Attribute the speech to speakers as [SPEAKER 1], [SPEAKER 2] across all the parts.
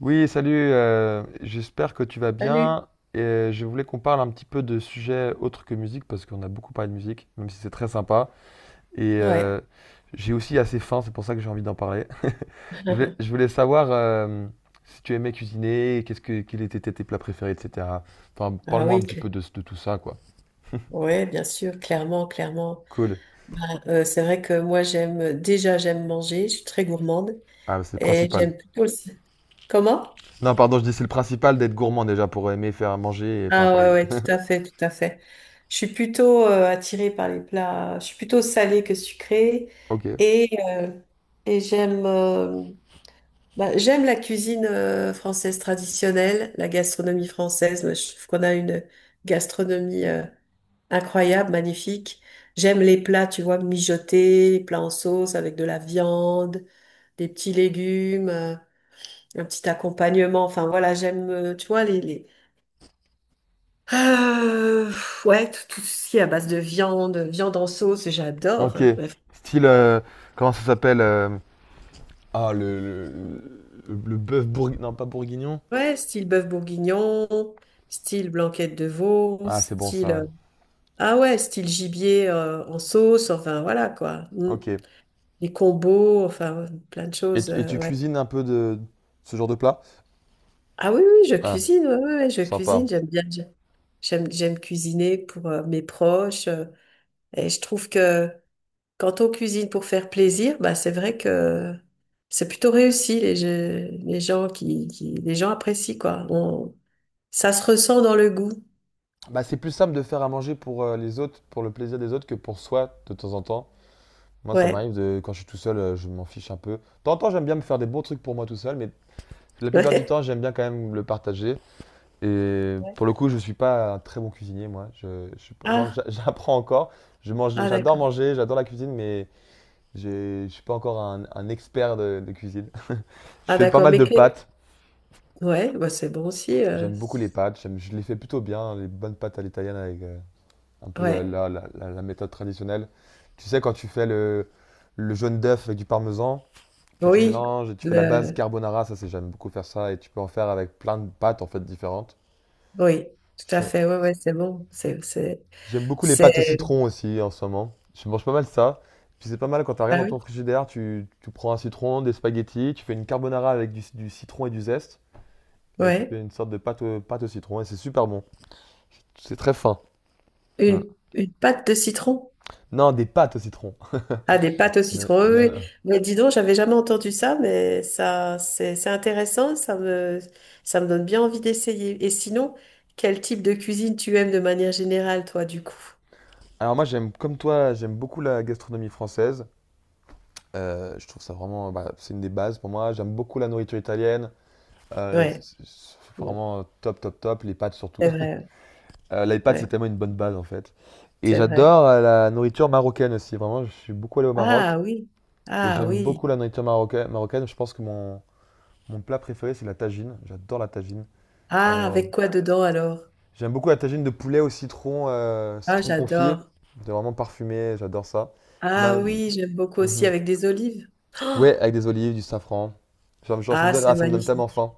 [SPEAKER 1] Oui, salut, j'espère que tu vas
[SPEAKER 2] Salut.
[SPEAKER 1] bien. Et je voulais qu'on parle un petit peu de sujets autres que musique, parce qu'on a beaucoup parlé de musique, même si c'est très sympa. Et
[SPEAKER 2] Ouais.
[SPEAKER 1] j'ai aussi assez faim, c'est pour ça que j'ai envie d'en parler. Je voulais, je voulais savoir si tu aimais cuisiner, qu'est-ce que, quels étaient tes plats préférés, etc. Enfin,
[SPEAKER 2] Ah
[SPEAKER 1] parle-moi
[SPEAKER 2] oui,
[SPEAKER 1] un petit peu de tout ça, quoi.
[SPEAKER 2] ouais, bien sûr, clairement, clairement.
[SPEAKER 1] Cool.
[SPEAKER 2] Bah, c'est vrai que moi j'aime déjà j'aime manger, je suis très gourmande
[SPEAKER 1] Ah, c'est le
[SPEAKER 2] et
[SPEAKER 1] principal.
[SPEAKER 2] j'aime plutôt le. Comment?
[SPEAKER 1] Non, pardon, je dis c'est le principal d'être gourmand déjà pour aimer faire à manger et enfin.
[SPEAKER 2] Ah ouais, ouais, tout à fait, tout à fait. Je suis plutôt attirée par les plats, je suis plutôt salée que sucrée
[SPEAKER 1] Ok.
[SPEAKER 2] et, euh, et j'aime la cuisine française traditionnelle, la gastronomie française. Je trouve qu'on a une gastronomie incroyable, magnifique. J'aime les plats, tu vois, mijotés, plats en sauce avec de la viande, des petits légumes, un petit accompagnement. Enfin voilà, j'aime, tu vois, Euh, ouais, tout ce qui est à base de viande, viande en sauce, j'adore,
[SPEAKER 1] Ok.
[SPEAKER 2] hein. Bref.
[SPEAKER 1] Style, comment ça s'appelle? Ah, le bœuf bourguignon. Non, pas bourguignon.
[SPEAKER 2] Ouais, style bœuf bourguignon, style blanquette de veau,
[SPEAKER 1] Ah, c'est bon ça, ouais.
[SPEAKER 2] ah ouais, style gibier en sauce, enfin voilà quoi. Mm.
[SPEAKER 1] Ok.
[SPEAKER 2] Les combos, enfin plein de
[SPEAKER 1] Et,
[SPEAKER 2] choses,
[SPEAKER 1] tu- et tu
[SPEAKER 2] ouais.
[SPEAKER 1] cuisines un peu de ce genre de plat?
[SPEAKER 2] Ah oui, oui, je
[SPEAKER 1] Ah,
[SPEAKER 2] cuisine, ouais, ouais, ouais, je cuisine,
[SPEAKER 1] sympa.
[SPEAKER 2] j'aime bien, j'aime cuisiner pour mes proches. Et je trouve que quand on cuisine pour faire plaisir, bah, c'est vrai que c'est plutôt réussi, les gens les gens apprécient, quoi. Ça se ressent dans le goût.
[SPEAKER 1] Bah, c'est plus simple de faire à manger pour les autres, pour le plaisir des autres, que pour soi de temps en temps. Moi, ça
[SPEAKER 2] Ouais.
[SPEAKER 1] m'arrive quand je suis tout seul, je m'en fiche un peu. De temps en temps, j'aime bien me faire des bons trucs pour moi tout seul, mais la plupart du
[SPEAKER 2] Ouais.
[SPEAKER 1] temps, j'aime bien quand même le partager. Et
[SPEAKER 2] Ouais.
[SPEAKER 1] pour le coup, je suis pas un très bon cuisinier, moi. Je suis pas- genre,
[SPEAKER 2] Ah,
[SPEAKER 1] j'apprends encore. Je mange,
[SPEAKER 2] ah,
[SPEAKER 1] j'adore
[SPEAKER 2] d'accord.
[SPEAKER 1] manger, j'adore la cuisine, mais je suis pas encore un expert de cuisine. Je
[SPEAKER 2] Ah,
[SPEAKER 1] fais pas
[SPEAKER 2] d'accord.
[SPEAKER 1] mal
[SPEAKER 2] Mais
[SPEAKER 1] de
[SPEAKER 2] que,
[SPEAKER 1] pâtes.
[SPEAKER 2] ouais, bah, c'est bon aussi.
[SPEAKER 1] J'aime beaucoup les pâtes. Je les fais plutôt bien, les bonnes pâtes à l'italienne avec un peu la,
[SPEAKER 2] Ouais.
[SPEAKER 1] la- la- la- la méthode traditionnelle. Tu sais, quand tu fais le jaune d'œuf avec du parmesan, que tu
[SPEAKER 2] Oui.
[SPEAKER 1] mélanges et tu fais la base
[SPEAKER 2] Le,
[SPEAKER 1] carbonara, ça c'est j'aime beaucoup faire ça et tu peux en faire avec plein de pâtes en fait différentes.
[SPEAKER 2] oui, tout à
[SPEAKER 1] Je-
[SPEAKER 2] fait. Ouais, ouais, c'est bon.
[SPEAKER 1] J'aime beaucoup les pâtes au
[SPEAKER 2] C'est,
[SPEAKER 1] citron aussi en ce moment. Je mange pas mal ça. Puis c'est pas mal quand t'as rien
[SPEAKER 2] ah
[SPEAKER 1] dans
[SPEAKER 2] oui.
[SPEAKER 1] ton frigidaire, tu prends un citron, des spaghettis, tu fais une carbonara avec du citron et du zeste. Et tu
[SPEAKER 2] Ouais.
[SPEAKER 1] fais une sorte de pâte au citron et c'est super bon. C'est très fin. Mm.
[SPEAKER 2] Une, une pâte de citron.
[SPEAKER 1] Non, des pâtes au citron.
[SPEAKER 2] Ah, des pâtes au
[SPEAKER 1] Euh,
[SPEAKER 2] citron.
[SPEAKER 1] non,
[SPEAKER 2] Oui, oui.
[SPEAKER 1] non.
[SPEAKER 2] Mais dis donc, j'avais jamais entendu ça, mais ça, c'est intéressant. Ça me donne bien envie d'essayer. Et sinon, quel type de cuisine tu aimes de manière générale, toi, du coup?
[SPEAKER 1] Alors moi j'aime comme toi, j'aime beaucoup la gastronomie française. Je trouve ça vraiment, bah, c'est une des bases pour moi. J'aime beaucoup la nourriture italienne. Euh, c'est
[SPEAKER 2] Ouais.
[SPEAKER 1] c'est
[SPEAKER 2] Ouais.
[SPEAKER 1] vraiment top, top, top. Les pâtes surtout.
[SPEAKER 2] C'est vrai.
[SPEAKER 1] Les pâtes
[SPEAKER 2] Ouais, ouais,
[SPEAKER 1] c'est tellement une bonne base en fait. Et
[SPEAKER 2] c'est vrai.
[SPEAKER 1] j'adore la nourriture marocaine aussi. Vraiment, je suis beaucoup allé au Maroc
[SPEAKER 2] Ah oui.
[SPEAKER 1] et
[SPEAKER 2] Ah
[SPEAKER 1] j'aime
[SPEAKER 2] oui.
[SPEAKER 1] beaucoup la nourriture marocaine. Je pense que mon plat préféré c'est la tagine. J'adore la tagine.
[SPEAKER 2] Ah,
[SPEAKER 1] Euh,
[SPEAKER 2] avec quoi dedans alors?
[SPEAKER 1] J'aime beaucoup la tagine de poulet au citron,
[SPEAKER 2] Ah,
[SPEAKER 1] citron confit.
[SPEAKER 2] j'adore.
[SPEAKER 1] C'est vraiment parfumé, j'adore ça.
[SPEAKER 2] Ah
[SPEAKER 1] Ma-
[SPEAKER 2] oui, j'aime beaucoup aussi
[SPEAKER 1] mhm.
[SPEAKER 2] avec des olives.
[SPEAKER 1] Ouais, avec des olives, du safran. Genre,
[SPEAKER 2] Ah, c'est
[SPEAKER 1] ça me donne
[SPEAKER 2] magnifique.
[SPEAKER 1] tellement faim.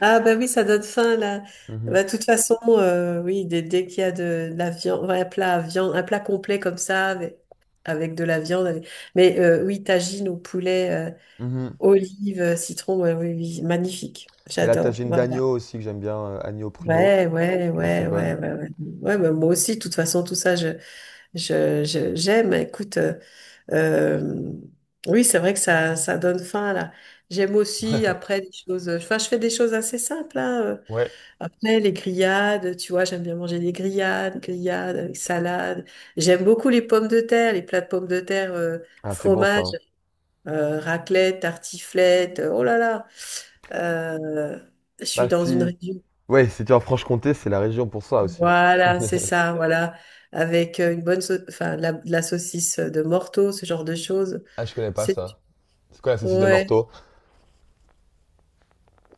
[SPEAKER 2] Ah bah oui, ça donne faim là.
[SPEAKER 1] Mhm,
[SPEAKER 2] Bah, de toute façon, oui, dès qu'il y a la viande, ouais, un plat à viande, un plat complet comme ça, avec de la viande. Mais oui, tagine au poulet,
[SPEAKER 1] mhm.
[SPEAKER 2] olives, citron, ouais, oui, oui, magnifique.
[SPEAKER 1] Et la
[SPEAKER 2] J'adore.
[SPEAKER 1] tagine
[SPEAKER 2] Voilà.
[SPEAKER 1] d'agneau aussi, que j'aime bien, agneau pruneau,
[SPEAKER 2] Ouais, ouais,
[SPEAKER 1] qui est assez
[SPEAKER 2] ouais, ouais,
[SPEAKER 1] bonne.
[SPEAKER 2] ouais, ouais. Ouais, bah, moi aussi, de toute façon, tout ça, j'aime. Écoute, euh, oui, c'est vrai que ça donne faim là. J'aime aussi après des choses. Enfin, je fais des choses assez simples, hein. euh,
[SPEAKER 1] Ouais.
[SPEAKER 2] après, les grillades, tu vois, j'aime bien manger des grillades, grillades avec salade. J'aime beaucoup les pommes de terre, les plats de pommes de terre,
[SPEAKER 1] Ah, c'est bon ça,
[SPEAKER 2] fromage,
[SPEAKER 1] hein.
[SPEAKER 2] raclette, tartiflette. Oh là là, Euh, je suis
[SPEAKER 1] Bah
[SPEAKER 2] dans une
[SPEAKER 1] si.
[SPEAKER 2] région.
[SPEAKER 1] Ouais, si tu es en Franche-Comté, c'est la région pour ça aussi.
[SPEAKER 2] Voilà, c'est ça, voilà. Avec une bonne, enfin, de la saucisse de Morteau, ce genre de choses.
[SPEAKER 1] Ah, je connais pas
[SPEAKER 2] C'est,
[SPEAKER 1] ça. C'est quoi la saucisse de
[SPEAKER 2] ouais,
[SPEAKER 1] Morteau?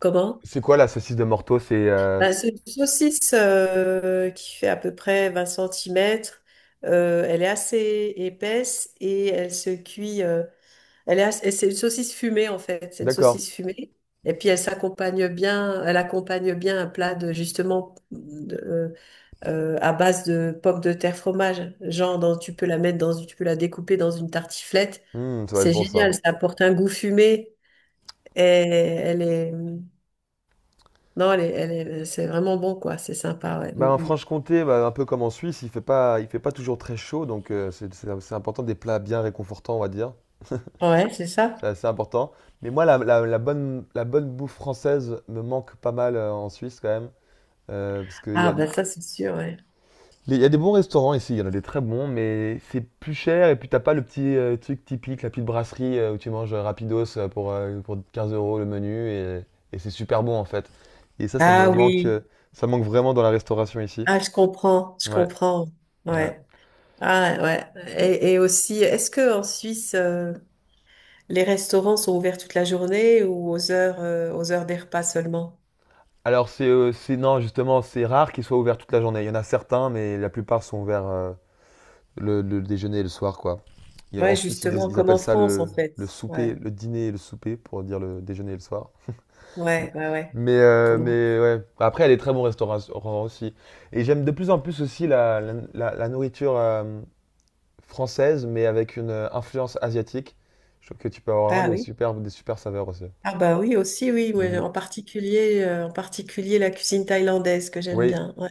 [SPEAKER 2] comment?
[SPEAKER 1] C'est quoi la saucisse de Morteau?
[SPEAKER 2] Bah, c'est une saucisse qui fait à peu près 20 cm. Elle est assez épaisse et elle se cuit. Et c'est une saucisse fumée en fait. C'est une
[SPEAKER 1] D'accord.
[SPEAKER 2] saucisse fumée. Et puis elle s'accompagne bien. Elle accompagne bien un plat à base de pommes de terre fromage. Genre tu peux la découper dans une tartiflette.
[SPEAKER 1] Hmm, ça va être
[SPEAKER 2] C'est
[SPEAKER 1] bon ça.
[SPEAKER 2] génial. Ça apporte un goût fumé et elle est non, c'est vraiment bon, quoi. C'est sympa, ouais. Mm,
[SPEAKER 1] Bah, en
[SPEAKER 2] mm.
[SPEAKER 1] Franche-Comté, bah, un peu comme en Suisse, il fait pas toujours très chaud, donc c'est important des plats bien réconfortants, on va dire.
[SPEAKER 2] Ouais, c'est
[SPEAKER 1] C'est
[SPEAKER 2] ça.
[SPEAKER 1] assez important. Mais moi, la bonne bouffe française me manque pas mal en Suisse quand même. Parce qu'il y
[SPEAKER 2] Ah,
[SPEAKER 1] a,
[SPEAKER 2] ben ça, c'est sûr, ouais.
[SPEAKER 1] il y a des bons restaurants ici, il y en a des très bons, mais c'est plus cher et puis t'as pas le petit truc typique, la petite brasserie où tu manges rapidos pour 15 euros le menu et c'est super bon en fait. Et ça me
[SPEAKER 2] Ah
[SPEAKER 1] manque,
[SPEAKER 2] oui.
[SPEAKER 1] ça manque vraiment dans la restauration ici.
[SPEAKER 2] Ah, je comprends, je
[SPEAKER 1] Ouais,
[SPEAKER 2] comprends.
[SPEAKER 1] ouais.
[SPEAKER 2] Ouais. Ah, ouais. Et aussi, est-ce que en Suisse, les restaurants sont ouverts toute la journée ou aux heures des repas seulement?
[SPEAKER 1] Alors non justement c'est rare qu'ils soient ouverts toute la journée. Il y en a certains, mais la plupart sont ouverts le déjeuner et le soir quoi. En
[SPEAKER 2] Ouais,
[SPEAKER 1] Suisse ils, disent-
[SPEAKER 2] justement,
[SPEAKER 1] ils
[SPEAKER 2] comme
[SPEAKER 1] appellent
[SPEAKER 2] en
[SPEAKER 1] ça
[SPEAKER 2] France, en
[SPEAKER 1] le,
[SPEAKER 2] fait.
[SPEAKER 1] le
[SPEAKER 2] Ouais,
[SPEAKER 1] souper, le dîner et le souper pour dire le déjeuner et le soir.
[SPEAKER 2] ouais, ouais, ouais.
[SPEAKER 1] Mais euh,
[SPEAKER 2] Comment?
[SPEAKER 1] mais ouais. Après il y a des très bons restaurants aussi. Et j'aime de plus en plus aussi la nourriture française, mais avec une influence asiatique. Je trouve que tu peux avoir vraiment
[SPEAKER 2] Ah
[SPEAKER 1] des
[SPEAKER 2] oui.
[SPEAKER 1] super des super saveurs aussi.
[SPEAKER 2] Ah bah oui, aussi, oui, ouais.
[SPEAKER 1] Mhm.
[SPEAKER 2] En particulier, la cuisine thaïlandaise que j'aime
[SPEAKER 1] Oui,
[SPEAKER 2] bien. Ouais.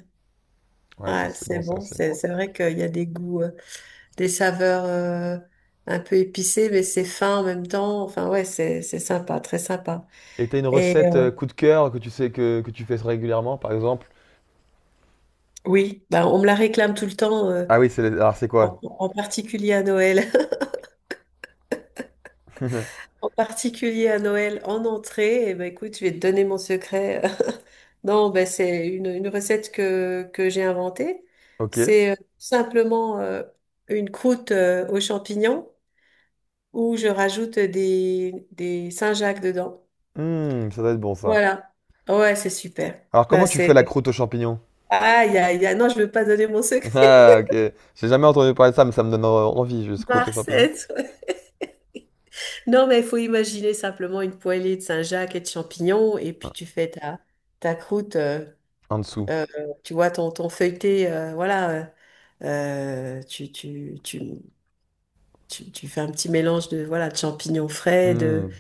[SPEAKER 1] ouais c'est
[SPEAKER 2] Ouais,
[SPEAKER 1] c'est
[SPEAKER 2] c'est
[SPEAKER 1] bon ça
[SPEAKER 2] bon.
[SPEAKER 1] aussi.
[SPEAKER 2] C'est vrai qu'il y a des goûts, des saveurs un peu épicées, mais c'est fin en même temps. Enfin, ouais, c'est sympa, très sympa.
[SPEAKER 1] Et t'as une
[SPEAKER 2] Et
[SPEAKER 1] recette coup de cœur que tu sais que tu fais régulièrement, par exemple?
[SPEAKER 2] oui, bah, on me la réclame tout le temps,
[SPEAKER 1] Ah oui, alors c'est
[SPEAKER 2] en,
[SPEAKER 1] quoi?
[SPEAKER 2] en particulier à Noël. En particulier à Noël, en entrée. Et ben écoute, je vais te donner mon secret. Non, ben, c'est une recette que j'ai inventée.
[SPEAKER 1] Ok.
[SPEAKER 2] C'est simplement une croûte aux champignons, ou je rajoute des Saint-Jacques dedans.
[SPEAKER 1] Hmm, ça doit être bon ça.
[SPEAKER 2] Voilà. Ouais, c'est super.
[SPEAKER 1] Alors
[SPEAKER 2] Bah.
[SPEAKER 1] comment tu fais la croûte aux champignons?
[SPEAKER 2] Aïe, aïe, aïe. Non, je veux pas donner mon secret.
[SPEAKER 1] Ah ok. J'ai jamais entendu parler de ça, mais ça me donne envie, juste croûte aux champignons.
[SPEAKER 2] Marcette. Ouais. Non, mais il faut imaginer simplement une poêlée de Saint-Jacques et de champignons, et puis
[SPEAKER 1] Ah,
[SPEAKER 2] tu fais ta croûte,
[SPEAKER 1] en dessous.
[SPEAKER 2] euh, tu vois, ton feuilleté, voilà. euh, euh, tu, tu, tu, tu fais un petit mélange de, voilà, de champignons frais, de,
[SPEAKER 1] Hmm.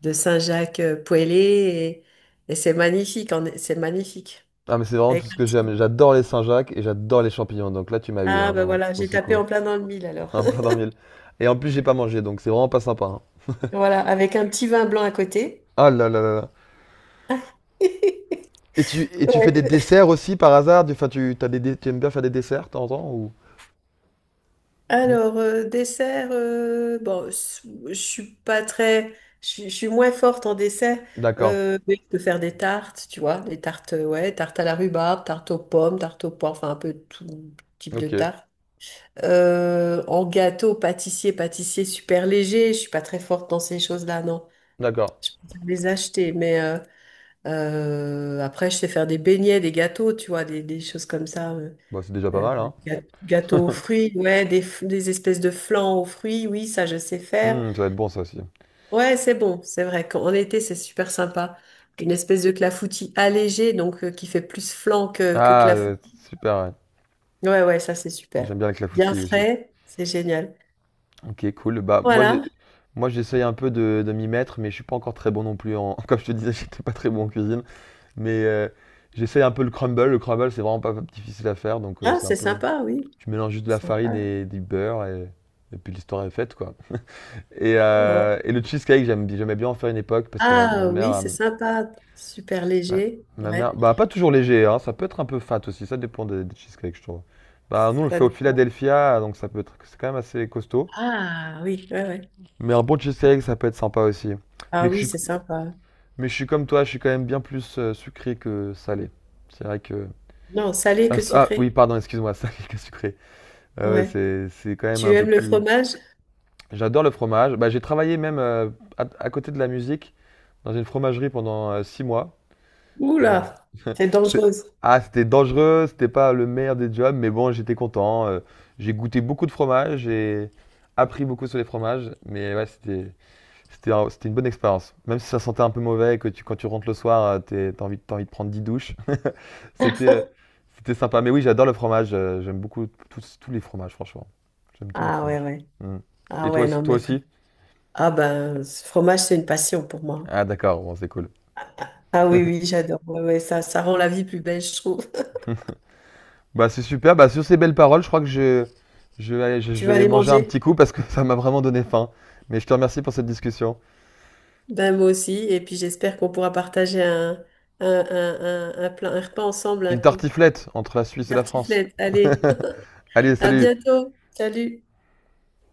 [SPEAKER 2] de Saint-Jacques poêlé, et c'est magnifique, c'est magnifique.
[SPEAKER 1] Ah mais c'est vraiment tout
[SPEAKER 2] Avec
[SPEAKER 1] ce
[SPEAKER 2] un
[SPEAKER 1] que j'aime.
[SPEAKER 2] petit-
[SPEAKER 1] J'adore les Saint-Jacques et j'adore les champignons. Donc là tu m'as eu, hein,
[SPEAKER 2] Ah ben
[SPEAKER 1] vraiment,
[SPEAKER 2] voilà,
[SPEAKER 1] sur
[SPEAKER 2] j'ai
[SPEAKER 1] ce
[SPEAKER 2] tapé
[SPEAKER 1] coup.
[SPEAKER 2] en plein dans le mille alors.
[SPEAKER 1] Un plat dans le mille. Et en plus j'ai pas mangé, donc c'est vraiment pas sympa, hein.
[SPEAKER 2] Voilà, avec un petit vin blanc à côté.
[SPEAKER 1] Ah là là là là. Et tu fais des
[SPEAKER 2] Ouais.
[SPEAKER 1] desserts aussi par hasard? Enfin, tu aimes bien faire des desserts de temps en temps ou?
[SPEAKER 2] Alors, dessert, bon, je suis pas très, je suis moins forte en dessert,
[SPEAKER 1] D'accord.
[SPEAKER 2] mais je peux faire des tartes, tu vois, des tartes, ouais, tartes à la rhubarbe, tartes aux pommes, tartes au porc, enfin un peu tout type de
[SPEAKER 1] Ok.
[SPEAKER 2] tarte. En gâteau, pâtissier super léger, je suis pas très forte dans ces choses-là, non.
[SPEAKER 1] D'accord.
[SPEAKER 2] Je peux les acheter, mais après, je sais faire des beignets, des gâteaux, tu vois, des choses comme ça.
[SPEAKER 1] Bah, c'est déjà pas
[SPEAKER 2] Euh,
[SPEAKER 1] mal, hein.
[SPEAKER 2] ga- Gâteaux aux fruits, ouais, des espèces de flans aux fruits, oui, ça, je sais faire.
[SPEAKER 1] Hmm, ça va être bon, ça aussi.
[SPEAKER 2] Ouais, c'est bon, c'est vrai qu'en été, c'est super sympa. Une espèce de clafoutis allégé, donc qui fait plus flan que
[SPEAKER 1] Ah, ça va être
[SPEAKER 2] clafoutis.
[SPEAKER 1] super, ouais.
[SPEAKER 2] Ouais, ouais, ça, c'est super.
[SPEAKER 1] J'aime bien la
[SPEAKER 2] Bien
[SPEAKER 1] clafoutis aussi.
[SPEAKER 2] frais, c'est génial.
[SPEAKER 1] Ok, cool. Bah, moi,
[SPEAKER 2] Voilà,
[SPEAKER 1] j'essaye un peu de m'y mettre, mais je suis pas encore très bon non plus comme je te disais, j'étais pas très bon en cuisine. Mais j'essaye un peu le crumble. Le crumble, c'est vraiment pas difficile à faire, donc
[SPEAKER 2] ah,
[SPEAKER 1] c'est un
[SPEAKER 2] c'est
[SPEAKER 1] peu,
[SPEAKER 2] sympa, oui.
[SPEAKER 1] tu mélanges juste de la farine
[SPEAKER 2] Sympa.
[SPEAKER 1] et du beurre et puis l'histoire est faite, quoi. Et,
[SPEAKER 2] Ouais.
[SPEAKER 1] euh, et le cheesecake, j'aimais bien en faire une époque parce que ma
[SPEAKER 2] Ah oui,
[SPEAKER 1] mère,
[SPEAKER 2] c'est sympa, super
[SPEAKER 1] Ma,
[SPEAKER 2] léger,
[SPEAKER 1] ma
[SPEAKER 2] ouais.
[SPEAKER 1] mère, bah pas toujours léger, hein, ça peut être un peu fat aussi, ça dépend des cheesecakes, je trouve. Bah nous on le
[SPEAKER 2] Ça
[SPEAKER 1] fait au
[SPEAKER 2] dépend.
[SPEAKER 1] Philadelphia, donc ça peut être, c'est quand même assez costaud.
[SPEAKER 2] Ah oui, ouais, ouais.
[SPEAKER 1] Mais un bon cheesecake, ça peut être sympa aussi. Mais
[SPEAKER 2] Ah
[SPEAKER 1] je
[SPEAKER 2] oui,
[SPEAKER 1] suis,
[SPEAKER 2] c'est sympa.
[SPEAKER 1] mais je suis comme toi, je suis quand même bien plus sucré que salé. C'est vrai que...
[SPEAKER 2] Non, salé
[SPEAKER 1] Ah,
[SPEAKER 2] que
[SPEAKER 1] s- ah, oui,
[SPEAKER 2] sucré.
[SPEAKER 1] pardon, excuse-moi, salé que sucré. Ouais, ouais,
[SPEAKER 2] Ouais.
[SPEAKER 1] c'est quand même
[SPEAKER 2] Tu
[SPEAKER 1] un peu
[SPEAKER 2] aimes le
[SPEAKER 1] plus...
[SPEAKER 2] fromage?
[SPEAKER 1] J'adore le fromage. Bah j'ai travaillé même à côté de la musique dans une fromagerie pendant 6 mois.
[SPEAKER 2] Oula,
[SPEAKER 1] C'est-
[SPEAKER 2] c'est dangereuse.
[SPEAKER 1] Ah, c'était dangereux, c'était pas le meilleur des jobs, mais bon, j'étais content. J'ai goûté beaucoup de fromages, j'ai appris beaucoup sur les fromages, mais ouais, c'était une bonne expérience. Même si ça sentait un peu mauvais et que tu, quand tu rentres le soir, t'as envie de prendre 10 douches, c'était euh, c'était sympa. Mais oui, j'adore le fromage, j'aime beaucoup tous les fromages, franchement. J'aime tous les
[SPEAKER 2] Ah ouais,
[SPEAKER 1] fromages.
[SPEAKER 2] ouais.
[SPEAKER 1] Mm.
[SPEAKER 2] Ah
[SPEAKER 1] Et toi
[SPEAKER 2] ouais,
[SPEAKER 1] aussi,
[SPEAKER 2] non,
[SPEAKER 1] ouais, toi
[SPEAKER 2] mais frère.
[SPEAKER 1] aussi?
[SPEAKER 2] Ah ben, ce fromage, c'est une passion pour moi.
[SPEAKER 1] Ah, d'accord, bon, c'est cool.
[SPEAKER 2] Ah oui, oui, j'adore. Ouais, ouais, ça rend la vie plus belle, je trouve.
[SPEAKER 1] Bah, c'est super. Bah, sur ces belles paroles, je crois que je, je vais aller, je je
[SPEAKER 2] Tu
[SPEAKER 1] vais
[SPEAKER 2] vas
[SPEAKER 1] aller
[SPEAKER 2] aller
[SPEAKER 1] manger un
[SPEAKER 2] manger?
[SPEAKER 1] petit coup parce que ça m'a vraiment donné faim. Mais je te remercie pour cette discussion.
[SPEAKER 2] Ben moi aussi. Et puis j'espère qu'on pourra partager un repas ensemble un
[SPEAKER 1] Une
[SPEAKER 2] coup.
[SPEAKER 1] tartiflette entre la Suisse et la France.
[SPEAKER 2] Tartiflette, allez.
[SPEAKER 1] Allez,
[SPEAKER 2] À
[SPEAKER 1] salut!
[SPEAKER 2] bientôt. Salut.